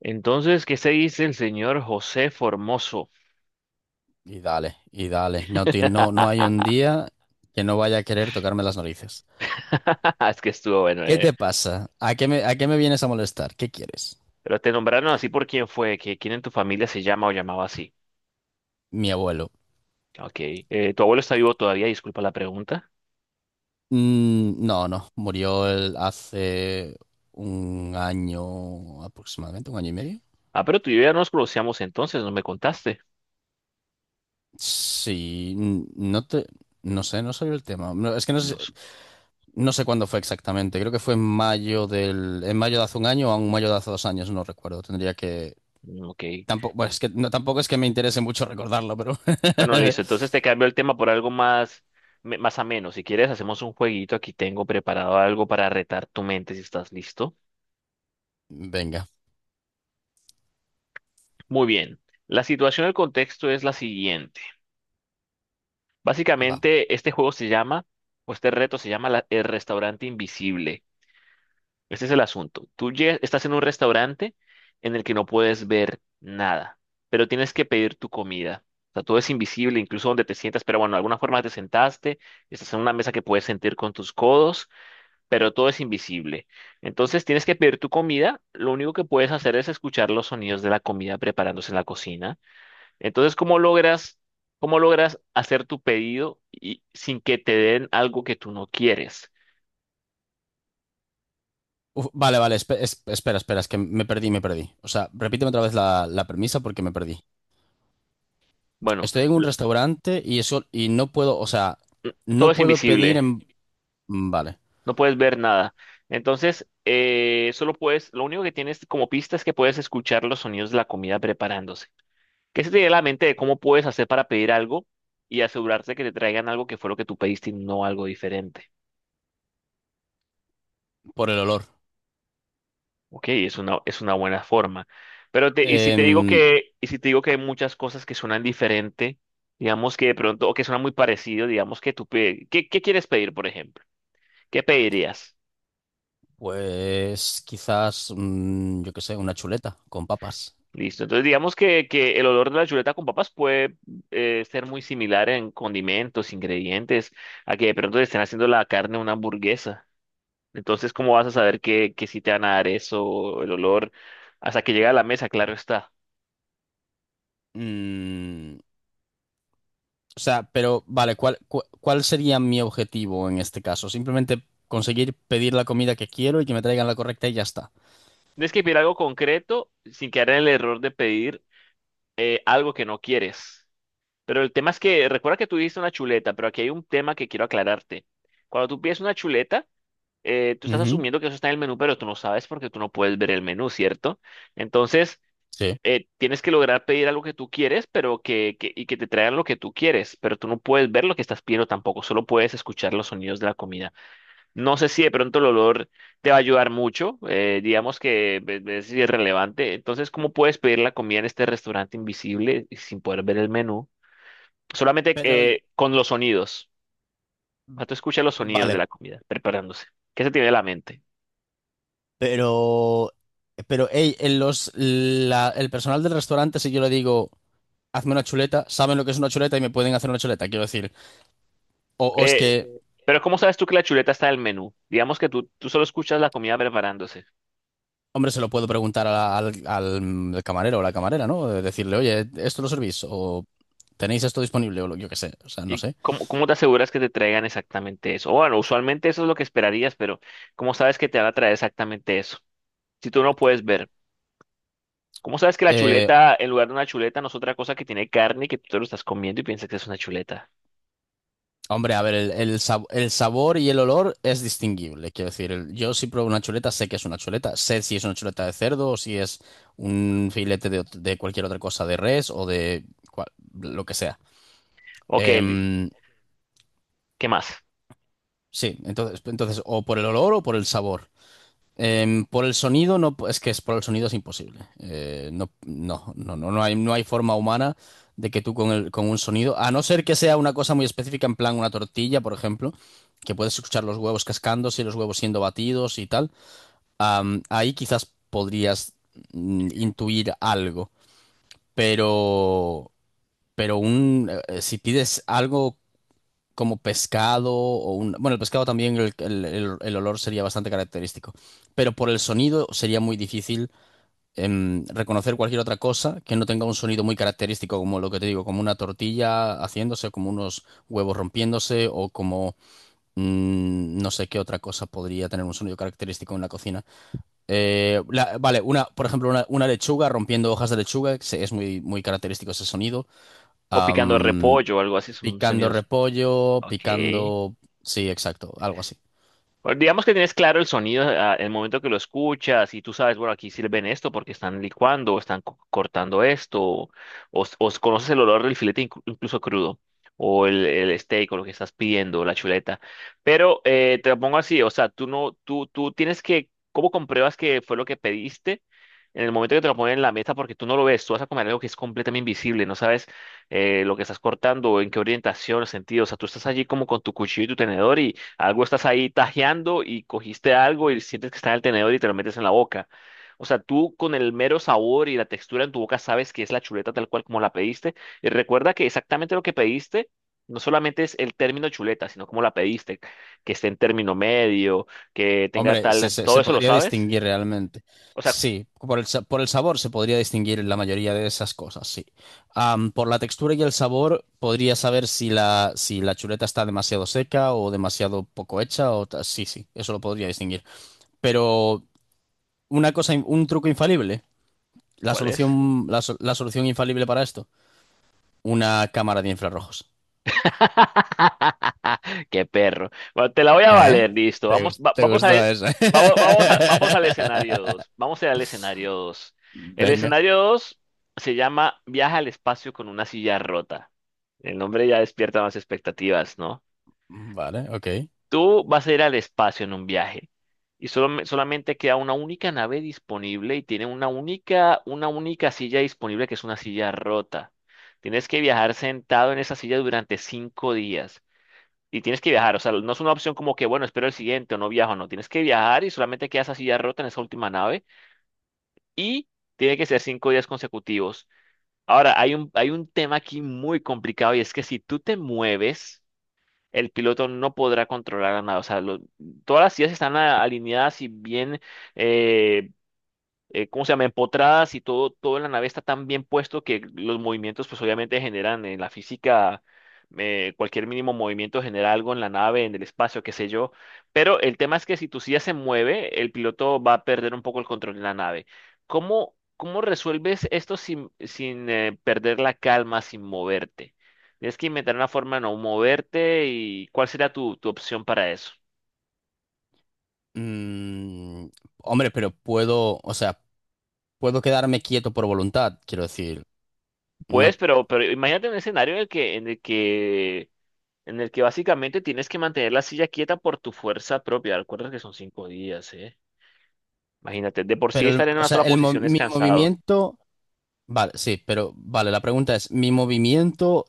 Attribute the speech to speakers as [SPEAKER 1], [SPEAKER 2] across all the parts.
[SPEAKER 1] Entonces, ¿qué se dice el señor José Formoso?
[SPEAKER 2] Y dale, y dale. No, no, no hay un día que no vaya a querer tocarme las narices.
[SPEAKER 1] Es que estuvo bueno,
[SPEAKER 2] ¿Qué
[SPEAKER 1] ¿eh?
[SPEAKER 2] te pasa? ¿A qué me vienes a molestar? ¿Qué quieres?
[SPEAKER 1] Pero te nombraron así por quién fue, que quién en tu familia se llama o llamaba así.
[SPEAKER 2] Mi abuelo.
[SPEAKER 1] Ok. ¿Tu abuelo está vivo todavía? Disculpa la pregunta.
[SPEAKER 2] No, no. Murió él hace un año aproximadamente, un año y medio.
[SPEAKER 1] Ah, pero tú y yo ya nos conocíamos entonces, no me contaste.
[SPEAKER 2] Sí, no sé, no sabía el tema. No, es que no sé,
[SPEAKER 1] Nos...
[SPEAKER 2] no sé cuándo fue exactamente. Creo que fue en mayo de hace un año o en mayo de hace dos años, no recuerdo. Tendría que.
[SPEAKER 1] Ok.
[SPEAKER 2] Tampoco, bueno, no, tampoco es que me interese mucho recordarlo, pero.
[SPEAKER 1] Bueno, listo. Entonces te cambio el tema por algo más, más ameno. Si quieres, hacemos un jueguito. Aquí tengo preparado algo para retar tu mente si estás listo.
[SPEAKER 2] Venga,
[SPEAKER 1] Muy bien. La situación, el contexto es la siguiente.
[SPEAKER 2] va.
[SPEAKER 1] Básicamente, este juego se llama, o este reto se llama el restaurante invisible. Este es el asunto. Estás en un restaurante en el que no puedes ver nada, pero tienes que pedir tu comida. O sea, todo es invisible, incluso donde te sientas, pero bueno, de alguna forma te sentaste, estás en una mesa que puedes sentir con tus codos, pero todo es invisible. Entonces tienes que pedir tu comida, lo único que puedes hacer es escuchar los sonidos de la comida preparándose en la cocina. Entonces, ¿cómo logras hacer tu pedido y sin que te den algo que tú no quieres?
[SPEAKER 2] Uf, vale, vale, espera, espera, es que me perdí, me perdí. O sea, repíteme otra vez la premisa porque me perdí.
[SPEAKER 1] Bueno,
[SPEAKER 2] Estoy en un restaurante y eso, y no puedo, o sea,
[SPEAKER 1] todo
[SPEAKER 2] no
[SPEAKER 1] es
[SPEAKER 2] puedo pedir
[SPEAKER 1] invisible,
[SPEAKER 2] en. Vale,
[SPEAKER 1] no puedes ver nada. Entonces, solo puedes, lo único que tienes como pista es que puedes escuchar los sonidos de la comida preparándose. ¿Qué se te viene a la mente de cómo puedes hacer para pedir algo y asegurarte que te traigan algo que fue lo que tú pediste y no algo diferente?
[SPEAKER 2] por el olor.
[SPEAKER 1] Ok, es una buena forma. Pero te,
[SPEAKER 2] Em,
[SPEAKER 1] y si te digo que hay muchas cosas que suenan diferente, digamos que de pronto, o que suenan muy parecido, digamos que ¿qué, qué quieres pedir, por ejemplo? ¿Qué pedirías?
[SPEAKER 2] pues quizás, yo qué sé, una chuleta con papas.
[SPEAKER 1] Listo. Entonces, digamos que el olor de la chuleta con papas puede ser muy similar en condimentos, ingredientes, a que de pronto le estén haciendo la carne a una hamburguesa. Entonces, ¿cómo vas a saber que si te van a dar eso, el olor, hasta que llegue a la mesa, claro está?
[SPEAKER 2] Mm, O sea, pero vale, ¿cuál sería mi objetivo en este caso? Simplemente conseguir pedir la comida que quiero y que me traigan la correcta y ya está.
[SPEAKER 1] Tienes que pedir algo concreto sin quedar en el error de pedir algo que no quieres. Pero el tema es que, recuerda que tú dijiste una chuleta, pero aquí hay un tema que quiero aclararte. Cuando tú pides una chuleta, tú estás
[SPEAKER 2] Ujú.
[SPEAKER 1] asumiendo que eso está en el menú, pero tú no sabes porque tú no puedes ver el menú, ¿cierto? Entonces,
[SPEAKER 2] Sí.
[SPEAKER 1] tienes que lograr pedir algo que tú quieres, pero y que te traigan lo que tú quieres, pero tú no puedes ver lo que estás pidiendo tampoco, solo puedes escuchar los sonidos de la comida. No sé si de pronto el olor te va a ayudar mucho, digamos que ve si es irrelevante. Entonces, ¿cómo puedes pedir la comida en este restaurante invisible y sin poder ver el menú? Solamente
[SPEAKER 2] Pero,
[SPEAKER 1] con los sonidos. O sea, tú escuchas los sonidos de
[SPEAKER 2] vale,
[SPEAKER 1] la comida preparándose. ¿Qué se tiene en la mente?
[SPEAKER 2] pero, pero, hey, en el personal del restaurante, si yo le digo, hazme una chuleta, saben lo que es una chuleta y me pueden hacer una chuleta, quiero decir. O es
[SPEAKER 1] Sí.
[SPEAKER 2] que,
[SPEAKER 1] Pero ¿cómo sabes tú que la chuleta está en el menú? Digamos que tú solo escuchas la comida preparándose.
[SPEAKER 2] hombre, se lo puedo preguntar al camarero o la camarera, ¿no? Decirle, oye, ¿esto lo servís? O tenéis esto disponible yo qué sé, o sea, no
[SPEAKER 1] ¿Y
[SPEAKER 2] sé.
[SPEAKER 1] cómo te aseguras que te traigan exactamente eso? Bueno, usualmente eso es lo que esperarías, pero ¿cómo sabes que te van a traer exactamente eso? Si tú no puedes ver. ¿Cómo sabes que la
[SPEAKER 2] Eh,
[SPEAKER 1] chuleta, en lugar de una chuleta, no es otra cosa que tiene carne y que tú te lo estás comiendo y piensas que es una chuleta?
[SPEAKER 2] Hombre, a ver, el sabor y el olor es distinguible. Quiero decir, yo si pruebo una chuleta, sé que es una chuleta. Sé si es una chuleta de cerdo o si es un filete de, de cualquier otra cosa, de res o de cual- lo que sea.
[SPEAKER 1] Ok,
[SPEAKER 2] Em,
[SPEAKER 1] ¿qué más?
[SPEAKER 2] sí, entonces, entonces, o por el olor o por el sabor. Por el sonido no, es que es por el sonido es imposible. No, no, no, no, no hay forma humana de que tú con con un sonido, a no ser que sea una cosa muy específica, en plan una tortilla, por ejemplo, que puedes escuchar los huevos cascándose y los huevos siendo batidos y tal. Ahí quizás podrías intuir algo, pero, pero un, si pides algo como pescado o un... Bueno, el pescado también, el olor sería bastante característico, pero por el sonido sería muy difícil reconocer cualquier otra cosa que no tenga un sonido muy característico, como lo que te digo, como una tortilla haciéndose, como unos huevos rompiéndose o como... No sé qué otra cosa podría tener un sonido característico en la cocina. Vale, una, por ejemplo, una lechuga rompiendo hojas de lechuga, se- es muy, muy característico ese sonido.
[SPEAKER 1] O picando repollo o algo así, son
[SPEAKER 2] Picando
[SPEAKER 1] sonidos.
[SPEAKER 2] repollo,
[SPEAKER 1] Ok.
[SPEAKER 2] picando... Sí, exacto, algo así.
[SPEAKER 1] Bueno, digamos que tienes claro el sonido ah, el momento que lo escuchas y tú sabes, bueno, aquí sirven esto porque están licuando, o están cortando esto, o, conoces el olor del filete incluso crudo, o el steak o lo que estás pidiendo, la chuleta. Pero te lo pongo así, o sea, tú no, tú tienes que, ¿cómo compruebas que fue lo que pediste? En el momento que te lo ponen en la mesa, porque tú no lo ves, tú vas a comer algo que es completamente invisible, no sabes lo que estás cortando, en qué orientación, sentido, o sea, tú estás allí como con tu cuchillo y tu tenedor algo estás ahí tajeando y cogiste algo y sientes que está en el tenedor y te lo metes en la boca. O sea, tú con el mero sabor y la textura en tu boca sabes que es la chuleta tal cual como la pediste. Y recuerda que exactamente lo que pediste no solamente es el término chuleta, sino cómo la pediste, que esté en término medio, que tenga
[SPEAKER 2] Hombre,
[SPEAKER 1] tal, todo
[SPEAKER 2] se
[SPEAKER 1] eso lo
[SPEAKER 2] podría
[SPEAKER 1] sabes.
[SPEAKER 2] distinguir realmente.
[SPEAKER 1] O sea,
[SPEAKER 2] Sí, por el sabor se podría distinguir la mayoría de esas cosas, sí. Por la textura y el sabor podría saber si si la chuleta está demasiado seca o demasiado poco hecha o ta- sí, sí, eso lo podría distinguir. Pero una cosa, in- un truco infalible, la
[SPEAKER 1] ¿cuál es?
[SPEAKER 2] solución, la solución infalible para esto, una cámara de infrarrojos.
[SPEAKER 1] Qué perro. Bueno, te la voy a
[SPEAKER 2] ¿Eh?
[SPEAKER 1] valer, listo.
[SPEAKER 2] ¿Te, te gustó eso?
[SPEAKER 1] Vamos, vamos al escenario 2. Vamos a ir al escenario 2. El
[SPEAKER 2] Venga.
[SPEAKER 1] escenario 2 se llama Viaja al espacio con una silla rota. El nombre ya despierta más expectativas, ¿no?
[SPEAKER 2] Vale, ok.
[SPEAKER 1] Tú vas a ir al espacio en un viaje y solo, solamente queda una única nave disponible y tiene una única silla disponible que es una silla rota. Tienes que viajar sentado en esa silla durante 5 días. Y tienes que viajar, o sea, no es una opción como que, bueno, espero el siguiente o no viajo, no, tienes que viajar y solamente quedas así ya rota en esa última nave y tiene que ser 5 días consecutivos. Ahora, hay un tema aquí muy complicado y es que si tú te mueves, el piloto no podrá controlar la nave, o sea, lo- todas las sillas están alineadas y bien eh, ¿cómo se llama? Empotradas y todo, todo en la nave está tan bien puesto que los movimientos pues obviamente generan en la física, cualquier mínimo movimiento genera algo en la nave, en el espacio, qué sé yo. Pero el tema es que si tu silla se mueve, el piloto va a perder un poco el control de la nave. Cómo resuelves esto sin perder la calma, sin moverte? Tienes que inventar una forma de no moverte y ¿cuál sería tu opción para eso?
[SPEAKER 2] Mm, Hombre, pero puedo, o sea, puedo quedarme quieto por voluntad, quiero decir. No,
[SPEAKER 1] Pero imagínate un escenario en el que básicamente tienes que mantener la silla quieta por tu fuerza propia. Recuerda que son 5 días, ¿eh? Imagínate, de por sí
[SPEAKER 2] pero,
[SPEAKER 1] estar en
[SPEAKER 2] o
[SPEAKER 1] una
[SPEAKER 2] sea,
[SPEAKER 1] sola posición es
[SPEAKER 2] mi
[SPEAKER 1] cansado.
[SPEAKER 2] movimiento. Vale, sí, pero vale, la pregunta es, ¿mi movimiento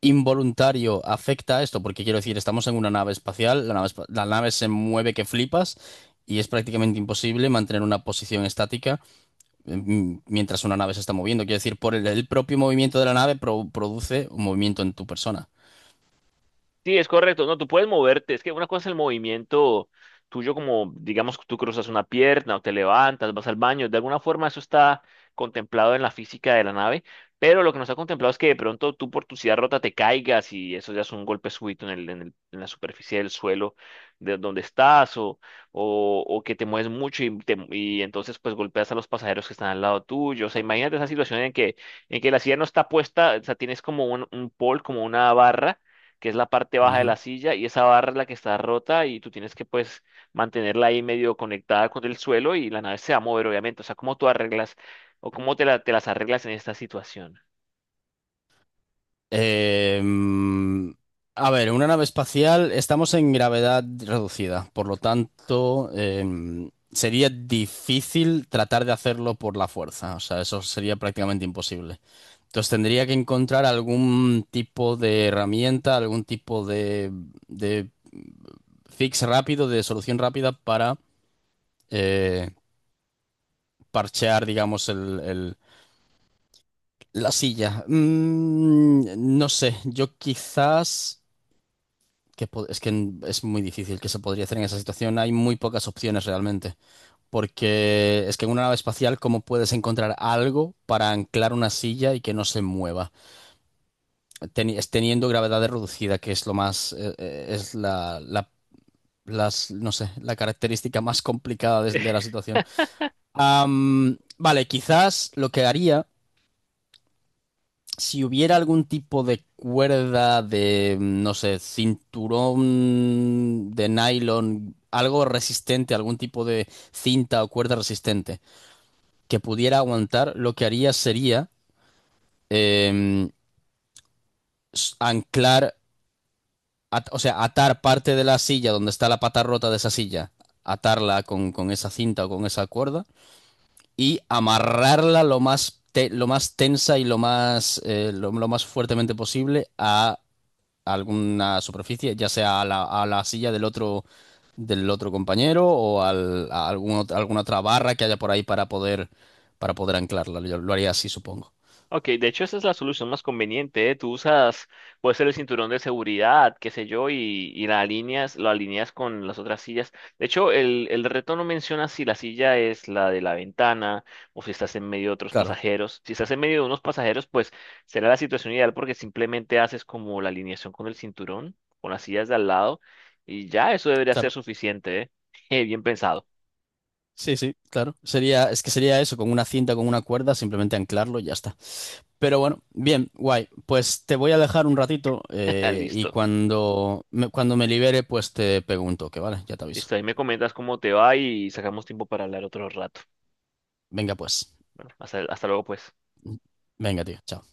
[SPEAKER 2] involuntario afecta a esto? Porque quiero decir, estamos en una nave espacial, la nave se mueve que flipas y es prácticamente imposible mantener una posición estática. Mientras una nave se está moviendo. Quiero decir, por el propio movimiento de la nave produce un movimiento en tu persona.
[SPEAKER 1] Sí, es correcto. No, tú puedes moverte. Es que una cosa es el movimiento tuyo, como digamos, tú cruzas una pierna o te levantas, vas al baño. De alguna forma eso está contemplado en la física de la nave, pero lo que no está contemplado es que de pronto tú por tu silla rota te caigas y eso ya es un golpe súbito en el, en la superficie del suelo de donde estás o, o que te mueves mucho y, y entonces pues golpeas a los pasajeros que están al lado tuyo. O sea, imagínate esa situación en que la silla no está puesta, o sea, tienes como un pole, como una barra que es la parte baja de
[SPEAKER 2] Ujú.
[SPEAKER 1] la silla, y esa barra es la que está rota y tú tienes que pues mantenerla ahí medio conectada con el suelo y la nave se va a mover, obviamente. O sea, ¿cómo tú arreglas o cómo te las arreglas en esta situación?
[SPEAKER 2] Eh, mm, a ver, una nave espacial, estamos en gravedad reducida, por lo tanto, sería difícil tratar de hacerlo por la fuerza, o sea, eso sería prácticamente imposible. Entonces tendría que encontrar algún tipo de herramienta, algún tipo de fix rápido, de solución rápida para, eh, parchear, digamos, la silla. No sé, yo quizás... Que es que es muy difícil que se podría hacer en esa situación. Hay muy pocas opciones realmente. Porque es que en una nave espacial, ¿cómo puedes encontrar algo para anclar una silla y que no se mueva? Es teniendo gravedad reducida, que es lo más... es no sé, la característica más complicada de la situación. Vale, quizás lo que haría... si hubiera algún tipo de cuerda de, no sé, cinturón de nylon, algo resistente, algún tipo de cinta o cuerda resistente que pudiera aguantar, lo que haría sería eh, anclar, o sea, atar parte de la silla donde está la pata rota de esa silla, atarla con esa cinta o con esa cuerda y amarrarla lo más, lo más tensa y lo más, lo más fuertemente posible a alguna superficie, ya sea a a la silla del otro compañero o a algún alguna otra barra que haya por ahí para poder anclarla. Yo lo haría así, supongo.
[SPEAKER 1] Ok, de hecho esa es la solución más conveniente, ¿eh? Tú usas, puede ser el cinturón de seguridad, qué sé yo, y la alineas, lo alineas con las otras sillas. De hecho, el reto no menciona si la silla es la de la ventana o si estás en medio de otros
[SPEAKER 2] Claro,
[SPEAKER 1] pasajeros. Si estás en medio de unos pasajeros, pues será la situación ideal porque simplemente haces como la alineación con el cinturón, con las sillas de al lado, y ya eso debería ser
[SPEAKER 2] claro.
[SPEAKER 1] suficiente, ¿eh? Bien pensado.
[SPEAKER 2] Sí, sí, claro. Sería, es que sería eso, con una cinta, con una cuerda, simplemente anclarlo y ya está. Pero bueno, bien, guay. Pues te voy a dejar un ratito y
[SPEAKER 1] Listo.
[SPEAKER 2] cuando cuando me libere, pues te pego un toque, ¿vale? Ya te aviso.
[SPEAKER 1] Listo, ahí me comentas cómo te va y sacamos tiempo para hablar otro rato.
[SPEAKER 2] Venga, pues.
[SPEAKER 1] Bueno, hasta luego, pues.
[SPEAKER 2] Venga, tío. Chao.